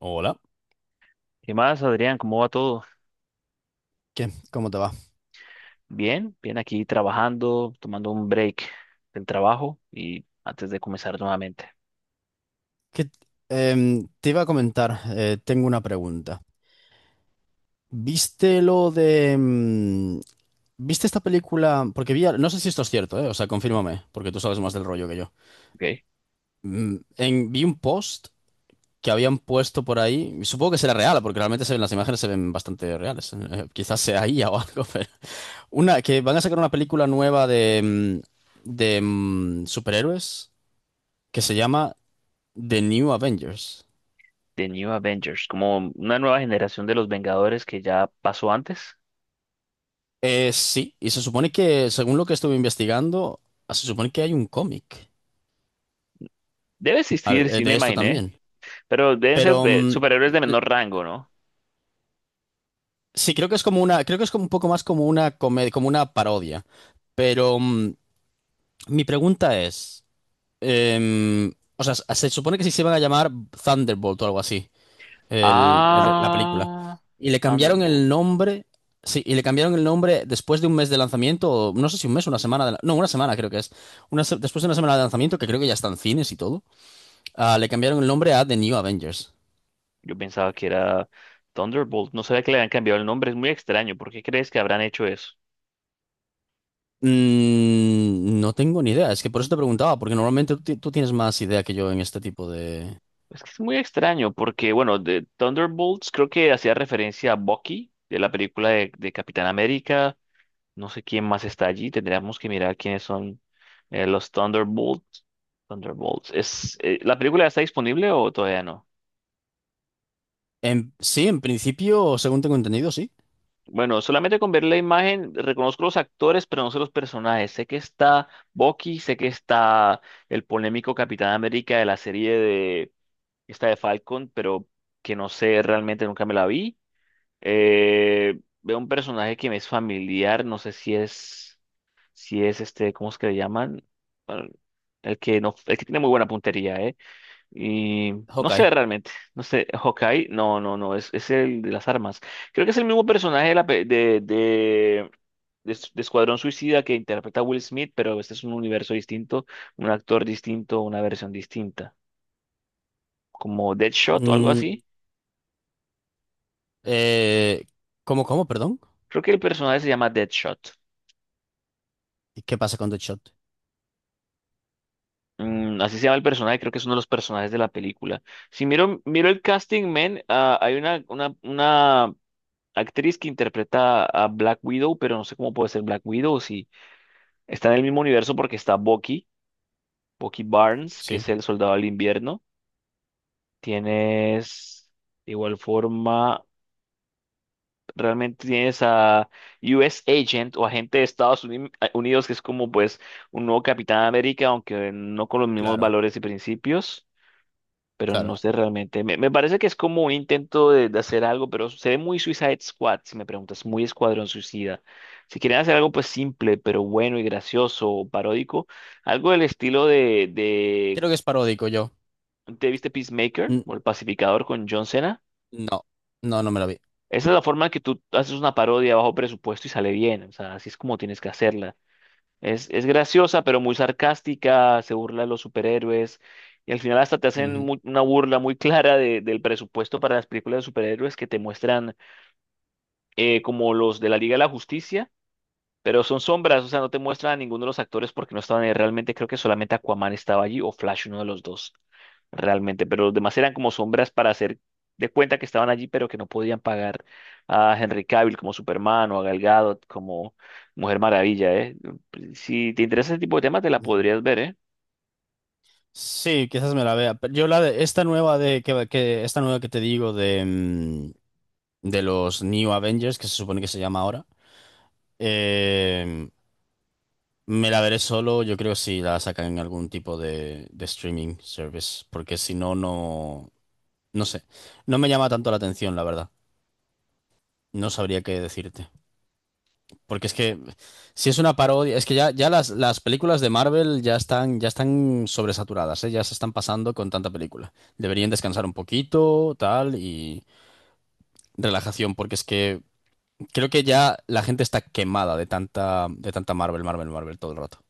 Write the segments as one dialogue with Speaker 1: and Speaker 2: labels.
Speaker 1: Hola.
Speaker 2: ¿Qué más, Adrián? ¿Cómo va todo?
Speaker 1: ¿Qué? ¿Cómo te va?
Speaker 2: Bien, bien aquí trabajando, tomando un break del trabajo y antes de comenzar nuevamente.
Speaker 1: ¿Qué- Te iba a comentar, tengo una pregunta. ¿Viste lo de... mm, ¿Viste esta película? Porque vi, no sé si esto es cierto, ¿eh? O sea, confírmame, porque tú sabes más del rollo que yo.
Speaker 2: Okay.
Speaker 1: Vi un post que habían puesto por ahí, y supongo que será real, porque realmente se ven, las imágenes se ven bastante reales. Quizás sea IA o algo, pero... Una, que van a sacar una película nueva de superhéroes que se llama The New Avengers.
Speaker 2: The New Avengers, como una nueva generación de los Vengadores que ya pasó antes.
Speaker 1: Sí, y se supone que, según lo que estuve investigando, se supone que hay un cómic
Speaker 2: Debe existir, sí me
Speaker 1: de esto
Speaker 2: imaginé,
Speaker 1: también.
Speaker 2: pero deben ser
Speaker 1: Pero mm,
Speaker 2: superhéroes de
Speaker 1: l-
Speaker 2: menor rango, ¿no?
Speaker 1: sí, creo que es como una, creo que es como un poco más como una comedia, como una parodia. Pero mm, mi pregunta es, o sea, se supone que sí se van a llamar Thunderbolt o algo así. La película.
Speaker 2: Ah,
Speaker 1: Y le cambiaron
Speaker 2: Thunderbolt.
Speaker 1: el nombre, sí, y le cambiaron el nombre después de un mes de lanzamiento, o no sé si un mes, una semana, no, una semana creo que es. Después de una semana de lanzamiento, que creo que ya está en cines y todo, le cambiaron el nombre a The New Avengers.
Speaker 2: Yo pensaba que era Thunderbolt. No sabía que le habían cambiado el nombre. Es muy extraño. ¿Por qué crees que habrán hecho eso?
Speaker 1: Mm, no tengo ni idea, es que por eso te preguntaba, porque normalmente tú tienes más idea que yo en este tipo de...
Speaker 2: Es que es muy extraño porque, bueno, de Thunderbolts creo que hacía referencia a Bucky de la película de Capitán América. No sé quién más está allí. Tendríamos que mirar quiénes son los Thunderbolts. Thunderbolts. ¿Es, la película está disponible o todavía no?
Speaker 1: En, sí, en principio, según tengo entendido, sí.
Speaker 2: Bueno, solamente con ver la imagen reconozco los actores, pero no sé los personajes. Sé que está Bucky, sé que está el polémico Capitán América de la serie de esta de Falcon, pero que no sé realmente, nunca me la vi. Veo un personaje que me es familiar, no sé si es este, ¿cómo es que le llaman? Bueno, el que no, el que tiene muy buena puntería, ¿eh? Y no
Speaker 1: Hawkeye.
Speaker 2: sé realmente, no sé, Hawkeye, no, no, no, es el de las armas. Creo que es el mismo personaje de Escuadrón Suicida que interpreta Will Smith, pero este es un universo distinto, un actor distinto, una versión distinta, como Deadshot o algo. Mm.
Speaker 1: Mm,
Speaker 2: Así.
Speaker 1: eh, ¿Cómo, cómo, perdón?
Speaker 2: Creo que el personaje se llama Deadshot.
Speaker 1: ¿Y qué pasa con Deadshot?
Speaker 2: Mm, así se llama el personaje, creo que es uno de los personajes de la película. Si miro, miro el casting, man, ah, hay una actriz que interpreta a Black Widow, pero no sé cómo puede ser Black Widow, si está en el mismo universo porque está Bucky, Bucky Barnes, que
Speaker 1: Sí,
Speaker 2: es el soldado del invierno. Tienes, de igual forma, realmente tienes a US Agent o agente de Estados Unidos, que es como pues un nuevo Capitán América, aunque no con los mismos
Speaker 1: claro,
Speaker 2: valores y principios. Pero no
Speaker 1: claro.
Speaker 2: sé realmente. Me parece que es como un intento de hacer algo, pero se ve muy Suicide Squad, si me preguntas, muy Escuadrón Suicida. Si quieren hacer algo pues simple, pero bueno y gracioso o paródico, algo del estilo de
Speaker 1: Creo que es paródico yo.
Speaker 2: ¿te viste Peacemaker
Speaker 1: N-
Speaker 2: o El Pacificador con John Cena?
Speaker 1: No, no, no me la vi.
Speaker 2: Esa es la forma en que tú haces una parodia bajo presupuesto y sale bien, o sea, así es como tienes que hacerla. Es graciosa, pero muy sarcástica, se burla de los superhéroes y al final hasta te hacen
Speaker 1: Ujú.
Speaker 2: una burla muy clara del presupuesto para las películas de superhéroes que te muestran como los de la Liga de la Justicia. Pero son sombras, o sea, no te muestran a ninguno de los actores porque no estaban ahí. Realmente creo que solamente Aquaman estaba allí o Flash, uno de los dos, realmente. Pero los demás eran como sombras para hacer de cuenta que estaban allí, pero que no podían pagar a Henry Cavill como Superman o a Gal Gadot como Mujer Maravilla, ¿eh? Pues, si te interesa ese tipo de temas, te la
Speaker 1: Ujú.
Speaker 2: podrías ver, ¿eh?
Speaker 1: Sí, quizás me la vea, pero yo la de esta nueva de esta nueva que te digo de de los New Avengers, que se supone que se llama ahora, eh, me la veré solo, yo creo, si la sacan en algún tipo de streaming service, porque si no, no, no sé. No me llama tanto la atención, la verdad. No sabría qué decirte. Porque es que si es una parodia, es que ya, ya las películas de Marvel ya están sobresaturadas, ¿eh? Ya se están pasando con tanta película. Deberían descansar un poquito, tal, y relajación, porque es que creo que ya la gente está quemada de tanta Marvel, Marvel, Marvel todo el rato.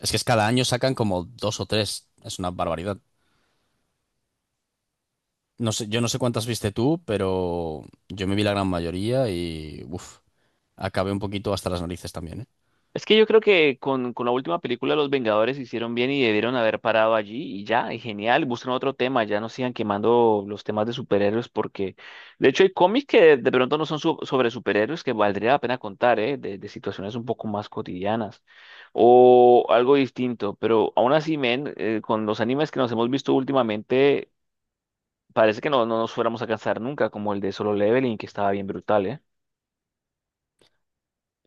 Speaker 1: Es que es cada año sacan como dos o tres, es una barbaridad. No sé, yo no sé cuántas viste tú, pero yo me vi la gran mayoría y, uff, acabé un poquito hasta las narices también, ¿eh?
Speaker 2: Es que yo creo que con la última película Los Vengadores hicieron bien y debieron haber parado allí y ya, y genial, buscan otro tema, ya no sigan quemando los temas de superhéroes porque de hecho hay cómics que de pronto no son sobre superhéroes que valdría la pena contar, ¿eh? De situaciones un poco más cotidianas o algo distinto, pero aún así, men, con los animes que nos hemos visto últimamente parece que no, no nos fuéramos a cansar nunca, como el de Solo Leveling que estaba bien brutal, ¿eh?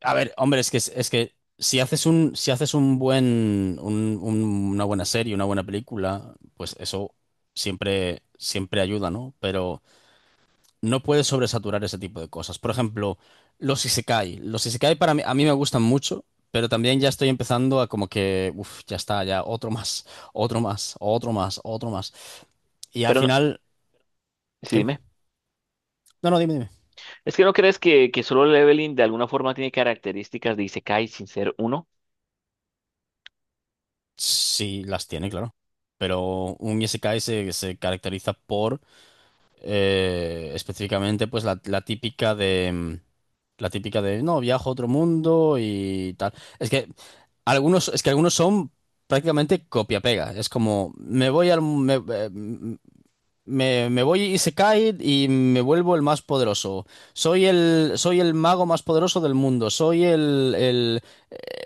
Speaker 1: A ver, hombre, es que si haces un, si haces un buen, una buena serie, una buena película, pues eso siempre, siempre ayuda, ¿no? Pero no puedes sobresaturar ese tipo de cosas. Por ejemplo, los isekai. Los isekai para mí, a mí me gustan mucho, pero también ya estoy empezando a como que, uff, ya está, ya otro más, otro más, otro más, otro más. Y al
Speaker 2: Pero no-
Speaker 1: final,
Speaker 2: sí,
Speaker 1: ¿qué?
Speaker 2: dime.
Speaker 1: No, no, dime, dime.
Speaker 2: Es que no crees que solo Leveling de alguna forma tiene características de Isekai sin ser uno,
Speaker 1: Sí, las tiene, claro. Pero un isekai se caracteriza por específicamente pues la, la típica de no, viajo a otro mundo y tal. Es que algunos, es que algunos son prácticamente copia-pega. Es como me voy y se cae y me vuelvo el más poderoso. Soy el mago más poderoso del mundo. Soy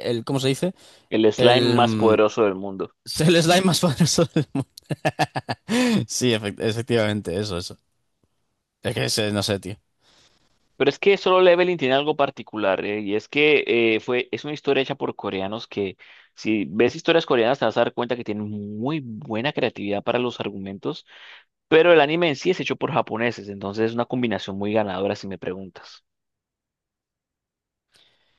Speaker 1: el ¿Cómo se dice?
Speaker 2: el slime
Speaker 1: El
Speaker 2: más
Speaker 1: mm,
Speaker 2: poderoso del mundo.
Speaker 1: el slime más poderoso del mundo. Sí, efectivamente, eso, eso. Es que ese, no sé, tío.
Speaker 2: Pero es que solo Leveling tiene algo particular, y es que es una historia hecha por coreanos que, si ves historias coreanas, te vas a dar cuenta que tienen muy buena creatividad para los argumentos, pero el anime en sí es hecho por japoneses, entonces es una combinación muy ganadora si me preguntas.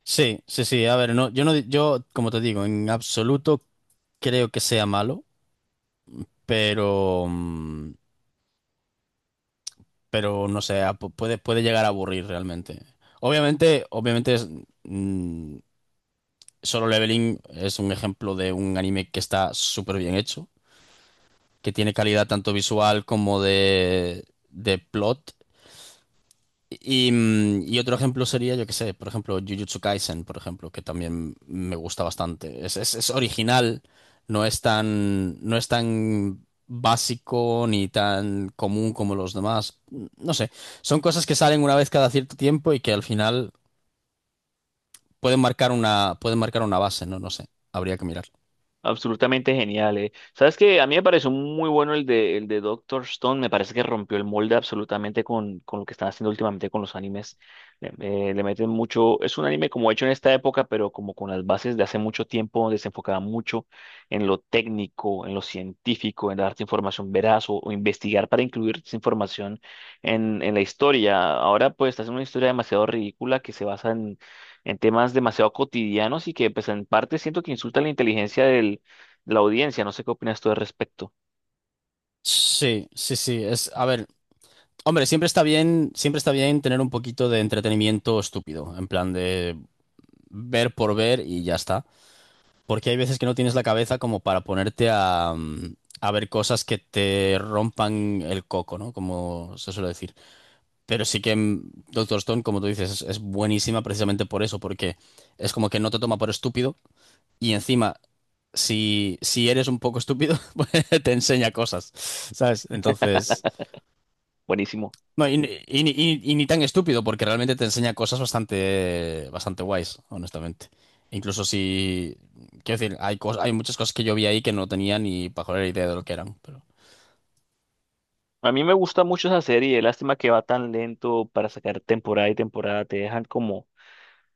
Speaker 1: Sí, sí, sí. A ver, no, yo no, yo, como te digo, en absoluto creo que sea malo, pero, pero no sé, puede, puede llegar a aburrir realmente. Obviamente, obviamente es, mm, Solo Leveling es un ejemplo de un anime que está súper bien hecho, que tiene calidad tanto visual como de plot. Y, y otro ejemplo sería, yo qué sé, por ejemplo, Jujutsu Kaisen, por ejemplo, que también me gusta bastante. Es, es original, no es tan, no es tan básico ni tan común como los demás. No sé, son cosas que salen una vez cada cierto tiempo y que al final pueden marcar una base, ¿no? No sé, habría que mirar.
Speaker 2: Absolutamente genial, eh. Sabes que a mí me pareció muy bueno el de Doctor Stone, me parece que rompió el molde absolutamente con lo que están haciendo últimamente con los animes. Le, Le meten mucho, es un anime como hecho en esta época, pero como con las bases de hace mucho tiempo, donde se enfocaba mucho en lo técnico, en lo científico, en darte información veraz o investigar para incluir esa información en la historia. Ahora pues está haciendo una historia demasiado ridícula que se basa en temas demasiado cotidianos y que pues en parte siento que insultan la inteligencia de la audiencia. No sé qué opinas tú al respecto.
Speaker 1: Sí, sí, sí. Es, a ver, hombre, siempre está bien tener un poquito de entretenimiento estúpido, en plan de ver por ver y ya está. Porque hay veces que no tienes la cabeza como para ponerte a, a ver cosas que te rompan el coco, ¿no? Como se suele decir. Pero sí que mm, Doctor Stone, como tú dices, es buenísima precisamente por eso, porque es como que no te toma por estúpido y encima, si, si eres un poco estúpido, pues te enseña cosas, ¿sabes? Entonces...
Speaker 2: Buenísimo.
Speaker 1: No, y ni tan estúpido, porque realmente te enseña cosas bastante, bastante guays, honestamente. Incluso si, quiero decir, hay hay muchas cosas que yo vi ahí que no tenía ni pajolera idea de lo que eran, pero
Speaker 2: A mí me gusta mucho esa serie, lástima que va tan lento para sacar temporada y temporada, te dejan como,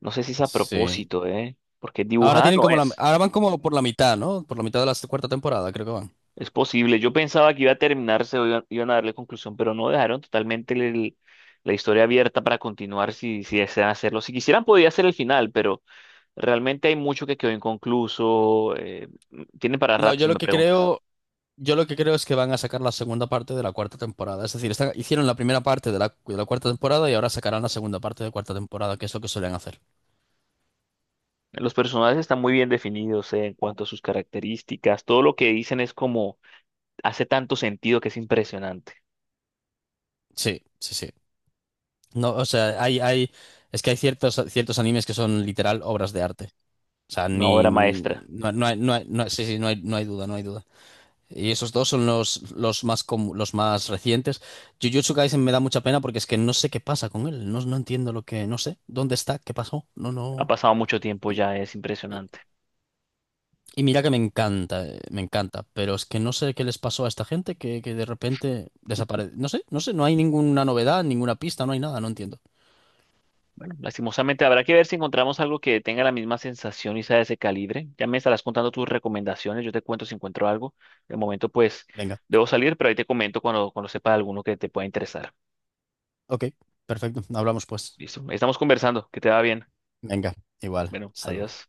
Speaker 2: no sé si es a
Speaker 1: sí.
Speaker 2: propósito, ¿eh? Porque
Speaker 1: Ahora
Speaker 2: dibujada
Speaker 1: tienen
Speaker 2: no
Speaker 1: como la,
Speaker 2: es.
Speaker 1: ahora van como por la mitad, ¿no? Por la mitad de la cuarta temporada, creo que van.
Speaker 2: Es posible, yo pensaba que iba a terminarse, o iban a darle conclusión, pero no dejaron totalmente la historia abierta para continuar si, si desean hacerlo. Si quisieran podía ser el final, pero... Realmente hay mucho que quedó inconcluso. Tiene para
Speaker 1: No,
Speaker 2: rato
Speaker 1: yo
Speaker 2: si
Speaker 1: lo
Speaker 2: me
Speaker 1: que
Speaker 2: preguntas.
Speaker 1: creo, yo lo que creo es que van a sacar la segunda parte de la cuarta temporada. Es decir, hicieron la primera parte de la cuarta temporada y ahora sacarán la segunda parte de la cuarta temporada, que es lo que suelen hacer.
Speaker 2: Los personajes están muy bien definidos, en cuanto a sus características. Todo lo que dicen es como hace tanto sentido que es impresionante.
Speaker 1: Sí, sí, sí. No, o sea, hay, es que hay ciertos, ciertos animes que son literal obras de arte. O sea,
Speaker 2: Una
Speaker 1: ni,
Speaker 2: obra maestra.
Speaker 1: no, no hay, sí, sí, no hay, no hay duda, no hay duda. Y esos dos son los, los más recientes. Jujutsu Kaisen me da mucha pena porque es que no sé qué pasa con él. No, no entiendo lo que, no sé, dónde está, qué pasó. No,
Speaker 2: Ha
Speaker 1: no.
Speaker 2: pasado mucho tiempo
Speaker 1: Y,
Speaker 2: ya, es impresionante.
Speaker 1: y mira que me encanta, pero es que no sé qué les pasó a esta gente que de repente desaparece. No sé, no sé, no hay ninguna novedad, ninguna pista, no hay nada, no entiendo.
Speaker 2: Bueno, lastimosamente habrá que ver si encontramos algo que tenga la misma sensación y sea de ese calibre. Ya me estarás contando tus recomendaciones, yo te cuento si encuentro algo. De momento, pues,
Speaker 1: Venga,
Speaker 2: debo salir, pero ahí te comento cuando, cuando sepa de alguno que te pueda interesar.
Speaker 1: ok, perfecto, hablamos pues.
Speaker 2: Listo, ahí estamos conversando, que te va bien.
Speaker 1: Venga, igual.
Speaker 2: Bueno,
Speaker 1: Hasta luego.
Speaker 2: adiós.